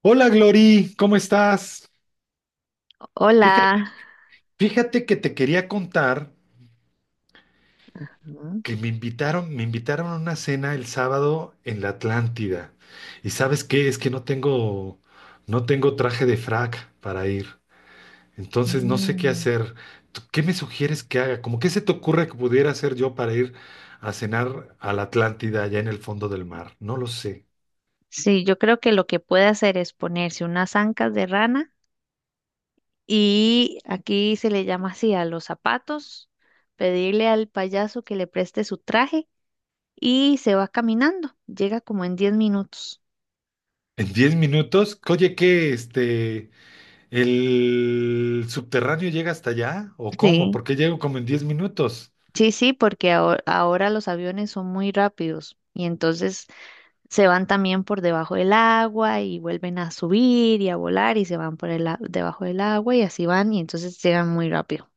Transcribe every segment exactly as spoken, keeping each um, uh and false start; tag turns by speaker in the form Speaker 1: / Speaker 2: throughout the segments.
Speaker 1: Hola Glory, ¿cómo estás? Fíjate,
Speaker 2: Hola.
Speaker 1: fíjate que te quería contar
Speaker 2: Mm,
Speaker 1: que me invitaron, me invitaron a una cena el sábado en la Atlántida. ¿Y sabes qué? Es que no tengo, no tengo traje de frac para ir. Entonces no sé qué
Speaker 2: mm.
Speaker 1: hacer. ¿Tú ¿Qué me sugieres que haga? ¿Cómo qué se te ocurre que pudiera hacer yo para ir a cenar a la Atlántida allá en el fondo del mar? No lo sé.
Speaker 2: Sí, yo creo que lo que puede hacer es ponerse unas ancas de rana y aquí se le llama así a los zapatos, pedirle al payaso que le preste su traje y se va caminando. Llega como en diez minutos.
Speaker 1: En diez minutos, oye, ¿qué este? ¿El subterráneo llega hasta allá? ¿O cómo?
Speaker 2: Sí,
Speaker 1: Porque llego como en diez minutos.
Speaker 2: sí, sí, porque aho- ahora, los aviones son muy rápidos y entonces se van también por debajo del agua y vuelven a subir y a volar y se van por el, a- debajo del agua y así van y entonces llegan muy rápido.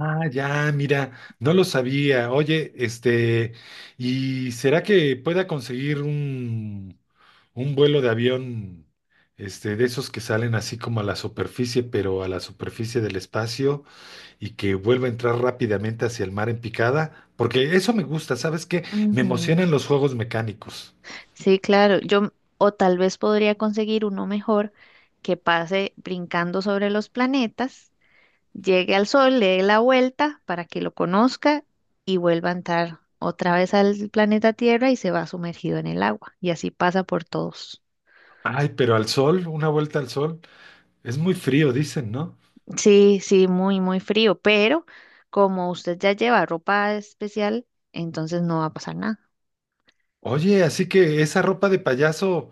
Speaker 1: Ah, ya, mira, no lo sabía. Oye, este, ¿y será que pueda conseguir un, un vuelo de avión, este, de esos que salen así como a la superficie, pero a la superficie del espacio y que vuelva a entrar rápidamente hacia el mar en picada? Porque eso me gusta, ¿sabes qué? Me
Speaker 2: Ujú.
Speaker 1: emocionan los juegos mecánicos.
Speaker 2: Sí, claro. Yo, o tal vez podría conseguir uno mejor que pase brincando sobre los planetas, llegue al Sol, le dé la vuelta para que lo conozca y vuelva a entrar otra vez al planeta Tierra y se va sumergido en el agua. Y así pasa por todos.
Speaker 1: Ay, pero al sol, una vuelta al sol. Es muy frío, dicen, ¿no?
Speaker 2: Sí, sí, muy, muy frío, pero como usted ya lleva ropa especial, entonces no va a pasar nada.
Speaker 1: Oye, así que esa ropa de payaso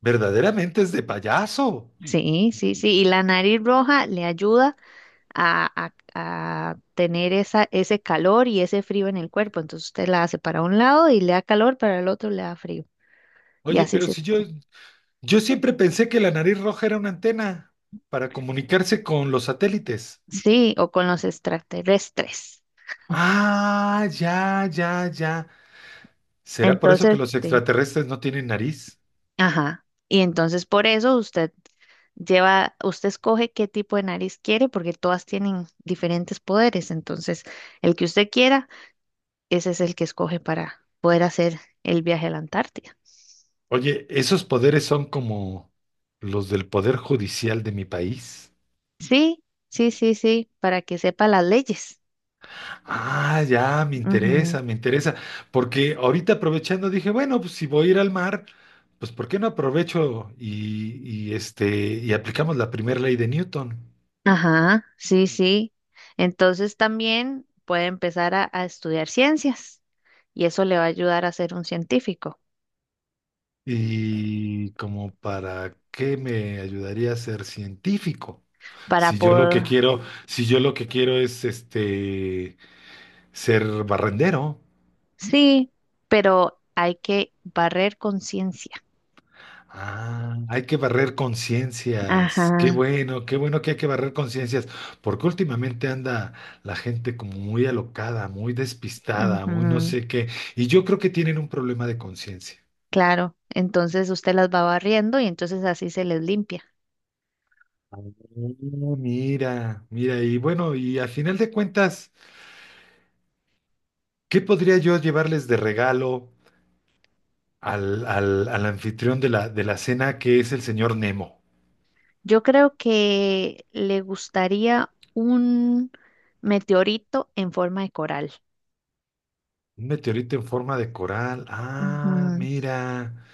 Speaker 1: verdaderamente es de payaso.
Speaker 2: Sí, sí, sí. Y la nariz roja le ayuda a, a- a tener esa, ese calor y ese frío en el cuerpo. Entonces usted la hace para un lado y le da calor, para el otro le da frío. Y
Speaker 1: Oye,
Speaker 2: así
Speaker 1: pero
Speaker 2: se.
Speaker 1: si yo, yo siempre pensé que la nariz roja era una antena para comunicarse con los satélites.
Speaker 2: Sí, o con los extraterrestres.
Speaker 1: Ah, ya, ya, ya. ¿Será por eso que
Speaker 2: Entonces,
Speaker 1: los
Speaker 2: sí.
Speaker 1: extraterrestres no tienen nariz?
Speaker 2: Ajá. Y entonces por eso usted lleva, usted escoge qué tipo de nariz quiere porque todas tienen diferentes poderes. Entonces, el que usted quiera, ese es el que escoge para poder hacer el viaje a la Antártida.
Speaker 1: Oye, esos poderes son como los del poder judicial de mi país.
Speaker 2: Sí, sí, sí, sí, para que sepa las leyes.
Speaker 1: Ah, ya, me
Speaker 2: Ujú.
Speaker 1: interesa, me interesa, porque ahorita aprovechando dije, bueno, pues si voy a ir al mar, pues ¿por qué no aprovecho y, y, este y aplicamos la primera ley de Newton?
Speaker 2: Ajá, sí, sí. Entonces también puede empezar a, a estudiar ciencias y eso le va a ayudar a ser un científico
Speaker 1: ¿Y como para qué me ayudaría a ser científico?
Speaker 2: para
Speaker 1: Si yo lo que
Speaker 2: poder,
Speaker 1: quiero, si yo lo que quiero es este ser barrendero.
Speaker 2: sí, pero hay que barrer con ciencia.
Speaker 1: Ah, hay que barrer conciencias. Qué
Speaker 2: Ajá,
Speaker 1: bueno, qué bueno que hay que barrer conciencias, porque últimamente anda la gente como muy alocada, muy despistada, muy no
Speaker 2: ujú,
Speaker 1: sé qué, y yo creo que tienen un problema de conciencia.
Speaker 2: claro. Entonces usted las va barriendo y entonces así se les limpia.
Speaker 1: Ah, mira, mira, y bueno, y a final de cuentas, ¿qué podría yo llevarles de regalo al, al, al anfitrión de la, de la cena, que es el señor Nemo?
Speaker 2: Yo creo que le gustaría un meteorito en forma de coral.
Speaker 1: Un meteorito en forma de coral. Ah,
Speaker 2: Ujú.
Speaker 1: mira.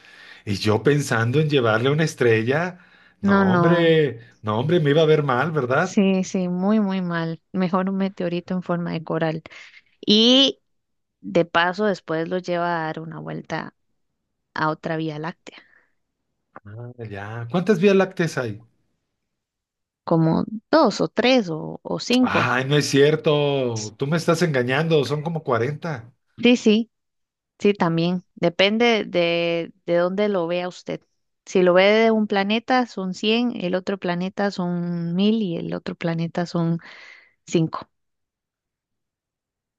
Speaker 1: Y yo pensando en llevarle una estrella,
Speaker 2: No,
Speaker 1: no
Speaker 2: no.
Speaker 1: hombre, no hombre, me iba a ver mal, ¿verdad?
Speaker 2: Sí, sí, muy, muy mal. Mejor un meteorito en forma de coral. Y de paso, después lo lleva a dar una vuelta a otra vía láctea,
Speaker 1: Ya, ¿cuántas vías lácteas hay?
Speaker 2: como dos o tres o, o cinco.
Speaker 1: Ay, no es cierto, tú me estás engañando, son como cuarenta.
Speaker 2: Sí, sí, sí, también. Depende de, de dónde lo vea usted. Si lo ve de un planeta son cien, el otro planeta son mil y el otro planeta son cinco,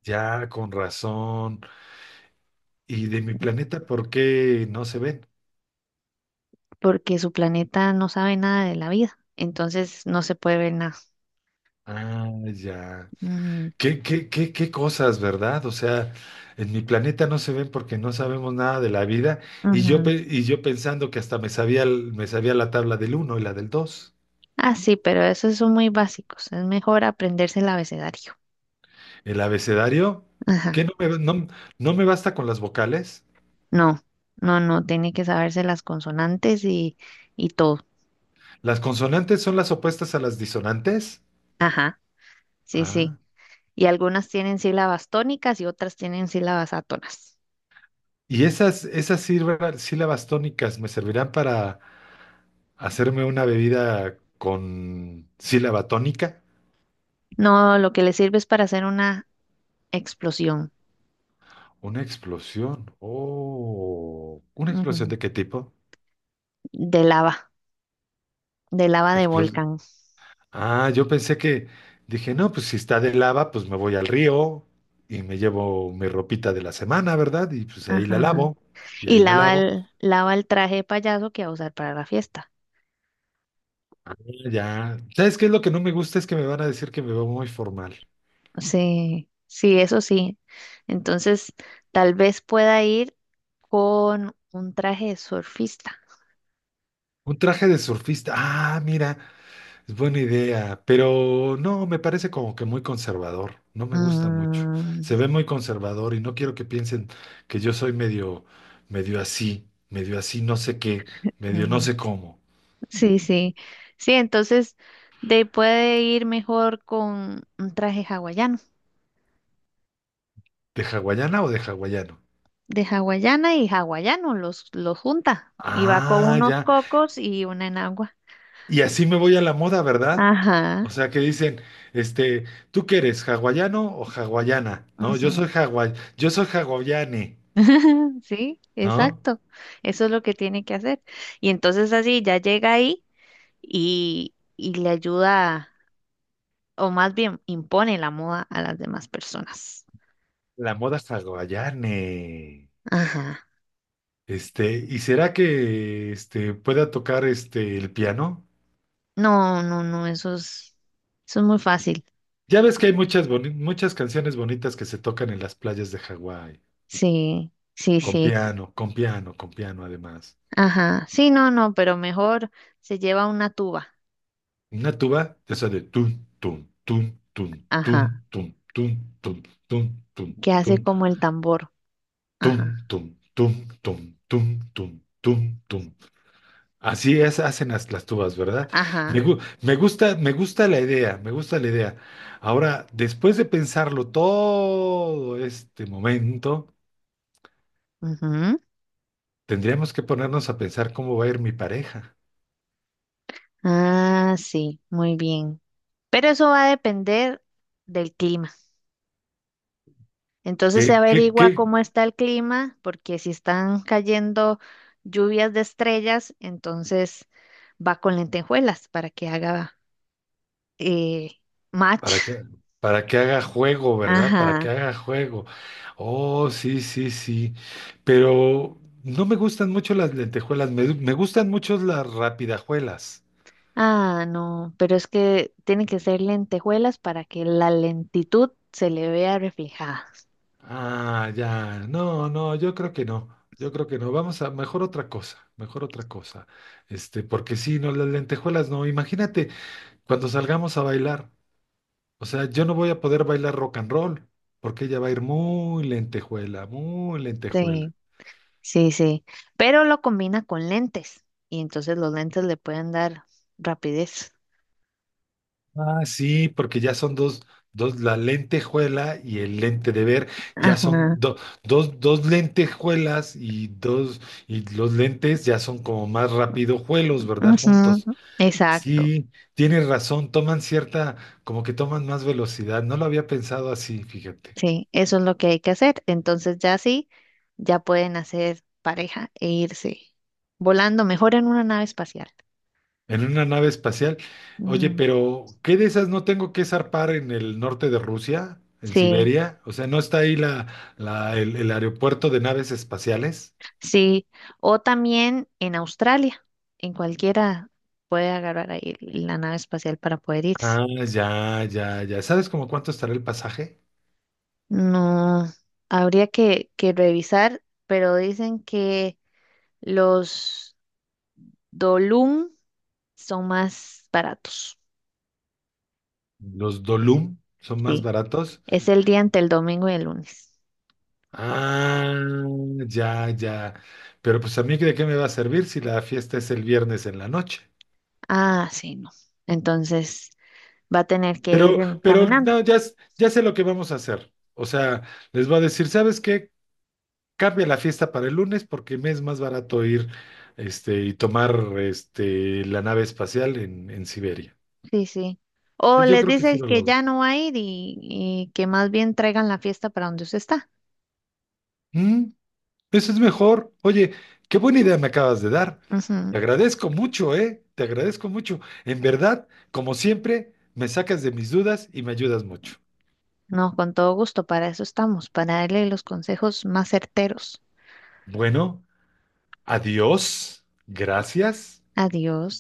Speaker 1: Ya, con razón. ¿Y de mi planeta por qué no se ven?
Speaker 2: porque su planeta no sabe nada de la vida, entonces no se puede ver nada.
Speaker 1: Ah, ya.
Speaker 2: Ujú,
Speaker 1: ¿Qué, qué, qué, qué cosas, verdad? O sea, en mi planeta no se ven porque no sabemos nada de la vida y yo,
Speaker 2: ujú.
Speaker 1: pe- y yo pensando que hasta me sabía, el- me sabía la tabla del uno y la del dos.
Speaker 2: Ah, sí, pero esos son muy básicos. Es mejor aprenderse el abecedario.
Speaker 1: El abecedario, ¿qué
Speaker 2: Ajá.
Speaker 1: no me, no, no me basta con las vocales?
Speaker 2: No, no, no, tiene que saberse las consonantes y, y todo.
Speaker 1: ¿Las consonantes son las opuestas a las disonantes?
Speaker 2: Ajá, sí, sí.
Speaker 1: Ah.
Speaker 2: Y algunas tienen sílabas tónicas y otras tienen sílabas átonas.
Speaker 1: Y esas, esas sílva- sílabas tónicas me servirán para hacerme una bebida con sílaba tónica.
Speaker 2: No, lo que le sirve es para hacer una explosión.
Speaker 1: Una explosión. Oh, ¿una explosión
Speaker 2: Ujú.
Speaker 1: de qué tipo?
Speaker 2: De lava, de lava de
Speaker 1: Explos-
Speaker 2: volcán.
Speaker 1: ah, yo pensé que dije, no, pues si está de lava, pues me voy al río y me llevo mi ropita de la semana, ¿verdad? Y pues ahí la
Speaker 2: Ajá.
Speaker 1: lavo, y
Speaker 2: Y
Speaker 1: ahí la
Speaker 2: lava
Speaker 1: lavo.
Speaker 2: el, lava el traje de payaso que va a usar para la fiesta.
Speaker 1: Ya. ¿Sabes qué es lo que no me gusta? Es que me van a decir que me veo muy formal.
Speaker 2: Sí, sí, eso sí. Entonces, tal vez pueda ir con un traje de surfista.
Speaker 1: Un traje de surfista. Ah, mira, es buena idea. Pero no, me parece como que muy conservador. No me gusta mucho.
Speaker 2: Mm,
Speaker 1: Se ve muy conservador y no quiero que piensen que yo soy medio, medio así, medio así, no sé qué, medio no
Speaker 2: ujú.
Speaker 1: sé cómo.
Speaker 2: Sí, sí. Sí, entonces de, puede ir mejor con un traje hawaiano.
Speaker 1: ¿De hawaiana o de hawaiano?
Speaker 2: De hawaiana y hawaiano los, los junta. Y va con
Speaker 1: Ah,
Speaker 2: unos
Speaker 1: ya.
Speaker 2: cocos y una enagua.
Speaker 1: Y así me voy a la moda, ¿verdad?
Speaker 2: Ajá.
Speaker 1: O sea, que dicen, este, ¿tú qué eres, hawaiano o hawaiana? No, yo
Speaker 2: Ujú.
Speaker 1: soy hawai, yo soy hawaiane,
Speaker 2: Sí,
Speaker 1: ¿no?
Speaker 2: exacto. Eso es lo que tiene que hacer. Y entonces así ya llega ahí y, y le ayuda, o más bien impone la moda a las demás personas.
Speaker 1: La moda hawaiane.
Speaker 2: Ajá.
Speaker 1: Este, ¿y será que este pueda tocar este el piano?
Speaker 2: No, no, no, eso es, eso es muy fácil.
Speaker 1: Ya ves que hay muchas boni- muchas canciones bonitas que se tocan en las playas de Hawái,
Speaker 2: Sí, sí,
Speaker 1: con
Speaker 2: sí.
Speaker 1: piano, con piano, con piano además.
Speaker 2: Ajá. Sí, no, no, pero mejor se lleva una tuba.
Speaker 1: Una tuba, esa de tun tun tun tun tun
Speaker 2: Ajá.
Speaker 1: tun tun tun tun tun
Speaker 2: Que hace
Speaker 1: tun tun.
Speaker 2: como el tambor.
Speaker 1: Tum,
Speaker 2: Ajá.
Speaker 1: tum, tum, tum, tum, tum, tum, tum. Así es, hacen las, las tubas, ¿verdad? Me,
Speaker 2: Ajá.
Speaker 1: gu- me gusta, me gusta la idea, me gusta la idea. Ahora, después de pensarlo todo este momento,
Speaker 2: Ujú.
Speaker 1: tendríamos que ponernos a pensar cómo va a ir mi pareja.
Speaker 2: Ah, sí, muy bien. Pero eso va a depender del clima. Entonces se
Speaker 1: ¿Qué, qué,
Speaker 2: averigua
Speaker 1: qué?
Speaker 2: cómo está el clima, porque si están cayendo lluvias de estrellas, entonces va con lentejuelas para que haga eh, match.
Speaker 1: Para que, para que haga juego, ¿verdad? Para que
Speaker 2: Ajá.
Speaker 1: haga juego. Oh, sí, sí, sí. Pero no me gustan mucho las lentejuelas, me, me gustan mucho las rapidajuelas.
Speaker 2: Ah, no, pero es que tienen que ser lentejuelas para que la lentitud se le vea reflejada.
Speaker 1: Ah, ya. No, no, yo creo que no. Yo creo que no. Vamos a mejor otra cosa, mejor otra cosa. Este, porque sí, no, las lentejuelas no. Imagínate cuando salgamos a bailar. O sea, yo no voy a poder bailar rock and roll, porque ella va a ir muy lentejuela, muy lentejuela.
Speaker 2: Sí, sí, sí. Pero lo combina con lentes y entonces los lentes le pueden dar rapidez.
Speaker 1: Ah, sí, porque ya son dos, dos, la lentejuela y el lente de ver, ya son
Speaker 2: Ajá.
Speaker 1: do- dos, dos lentejuelas y dos, y los lentes ya son como más rápido juelos, ¿verdad?
Speaker 2: Ujú.
Speaker 1: Juntos.
Speaker 2: Exacto.
Speaker 1: Sí, tienes razón, toman cierta, como que toman más velocidad. No lo había pensado así, fíjate.
Speaker 2: Sí, eso es lo que hay que hacer. Entonces ya sí, ya pueden hacer pareja e irse volando mejor en una nave espacial.
Speaker 1: En una nave espacial. Oye,
Speaker 2: Ujú.
Speaker 1: pero ¿qué de esas no tengo que zarpar en el norte de Rusia, en
Speaker 2: Sí,
Speaker 1: Siberia? O sea, ¿no está ahí la, la- el, el aeropuerto de naves espaciales?
Speaker 2: sí. O también en Australia, en cualquiera puede agarrar ahí la nave espacial para poder irse.
Speaker 1: Ah, ya, ya, ya. ¿Sabes como cuánto estará el pasaje?
Speaker 2: No, habría que, que revisar, pero dicen que los Dolum son más baratos.
Speaker 1: Los Dolum son más
Speaker 2: Sí,
Speaker 1: baratos.
Speaker 2: es el día entre el domingo y el lunes.
Speaker 1: Ah, ya, ya. Pero pues a mí, ¿de qué me va a servir si la fiesta es el viernes en la noche?
Speaker 2: Ah, sí, no. Entonces va a tener que ir
Speaker 1: Pero,
Speaker 2: em,
Speaker 1: pero
Speaker 2: caminando.
Speaker 1: no, ya, s- ya sé lo que vamos a hacer. O sea, les va a decir, ¿sabes qué? Cambia la fiesta para el lunes porque me es más barato ir, este, y tomar este, la nave espacial en, en Siberia.
Speaker 2: Sí, sí. O
Speaker 1: Sí, yo
Speaker 2: les
Speaker 1: creo que sí
Speaker 2: dice
Speaker 1: lo
Speaker 2: que
Speaker 1: logro.
Speaker 2: ya no va a ir y, y que más bien traigan la fiesta para donde usted está.
Speaker 1: Mm, eso es mejor. Oye, qué buena idea me acabas de dar.
Speaker 2: Ujú.
Speaker 1: Te agradezco mucho, ¿eh? Te agradezco mucho. En verdad, como siempre, me sacas de mis dudas y me ayudas mucho.
Speaker 2: No, con todo gusto, para eso estamos, para darle los consejos más certeros.
Speaker 1: Bueno, adiós. Gracias.
Speaker 2: Adiós.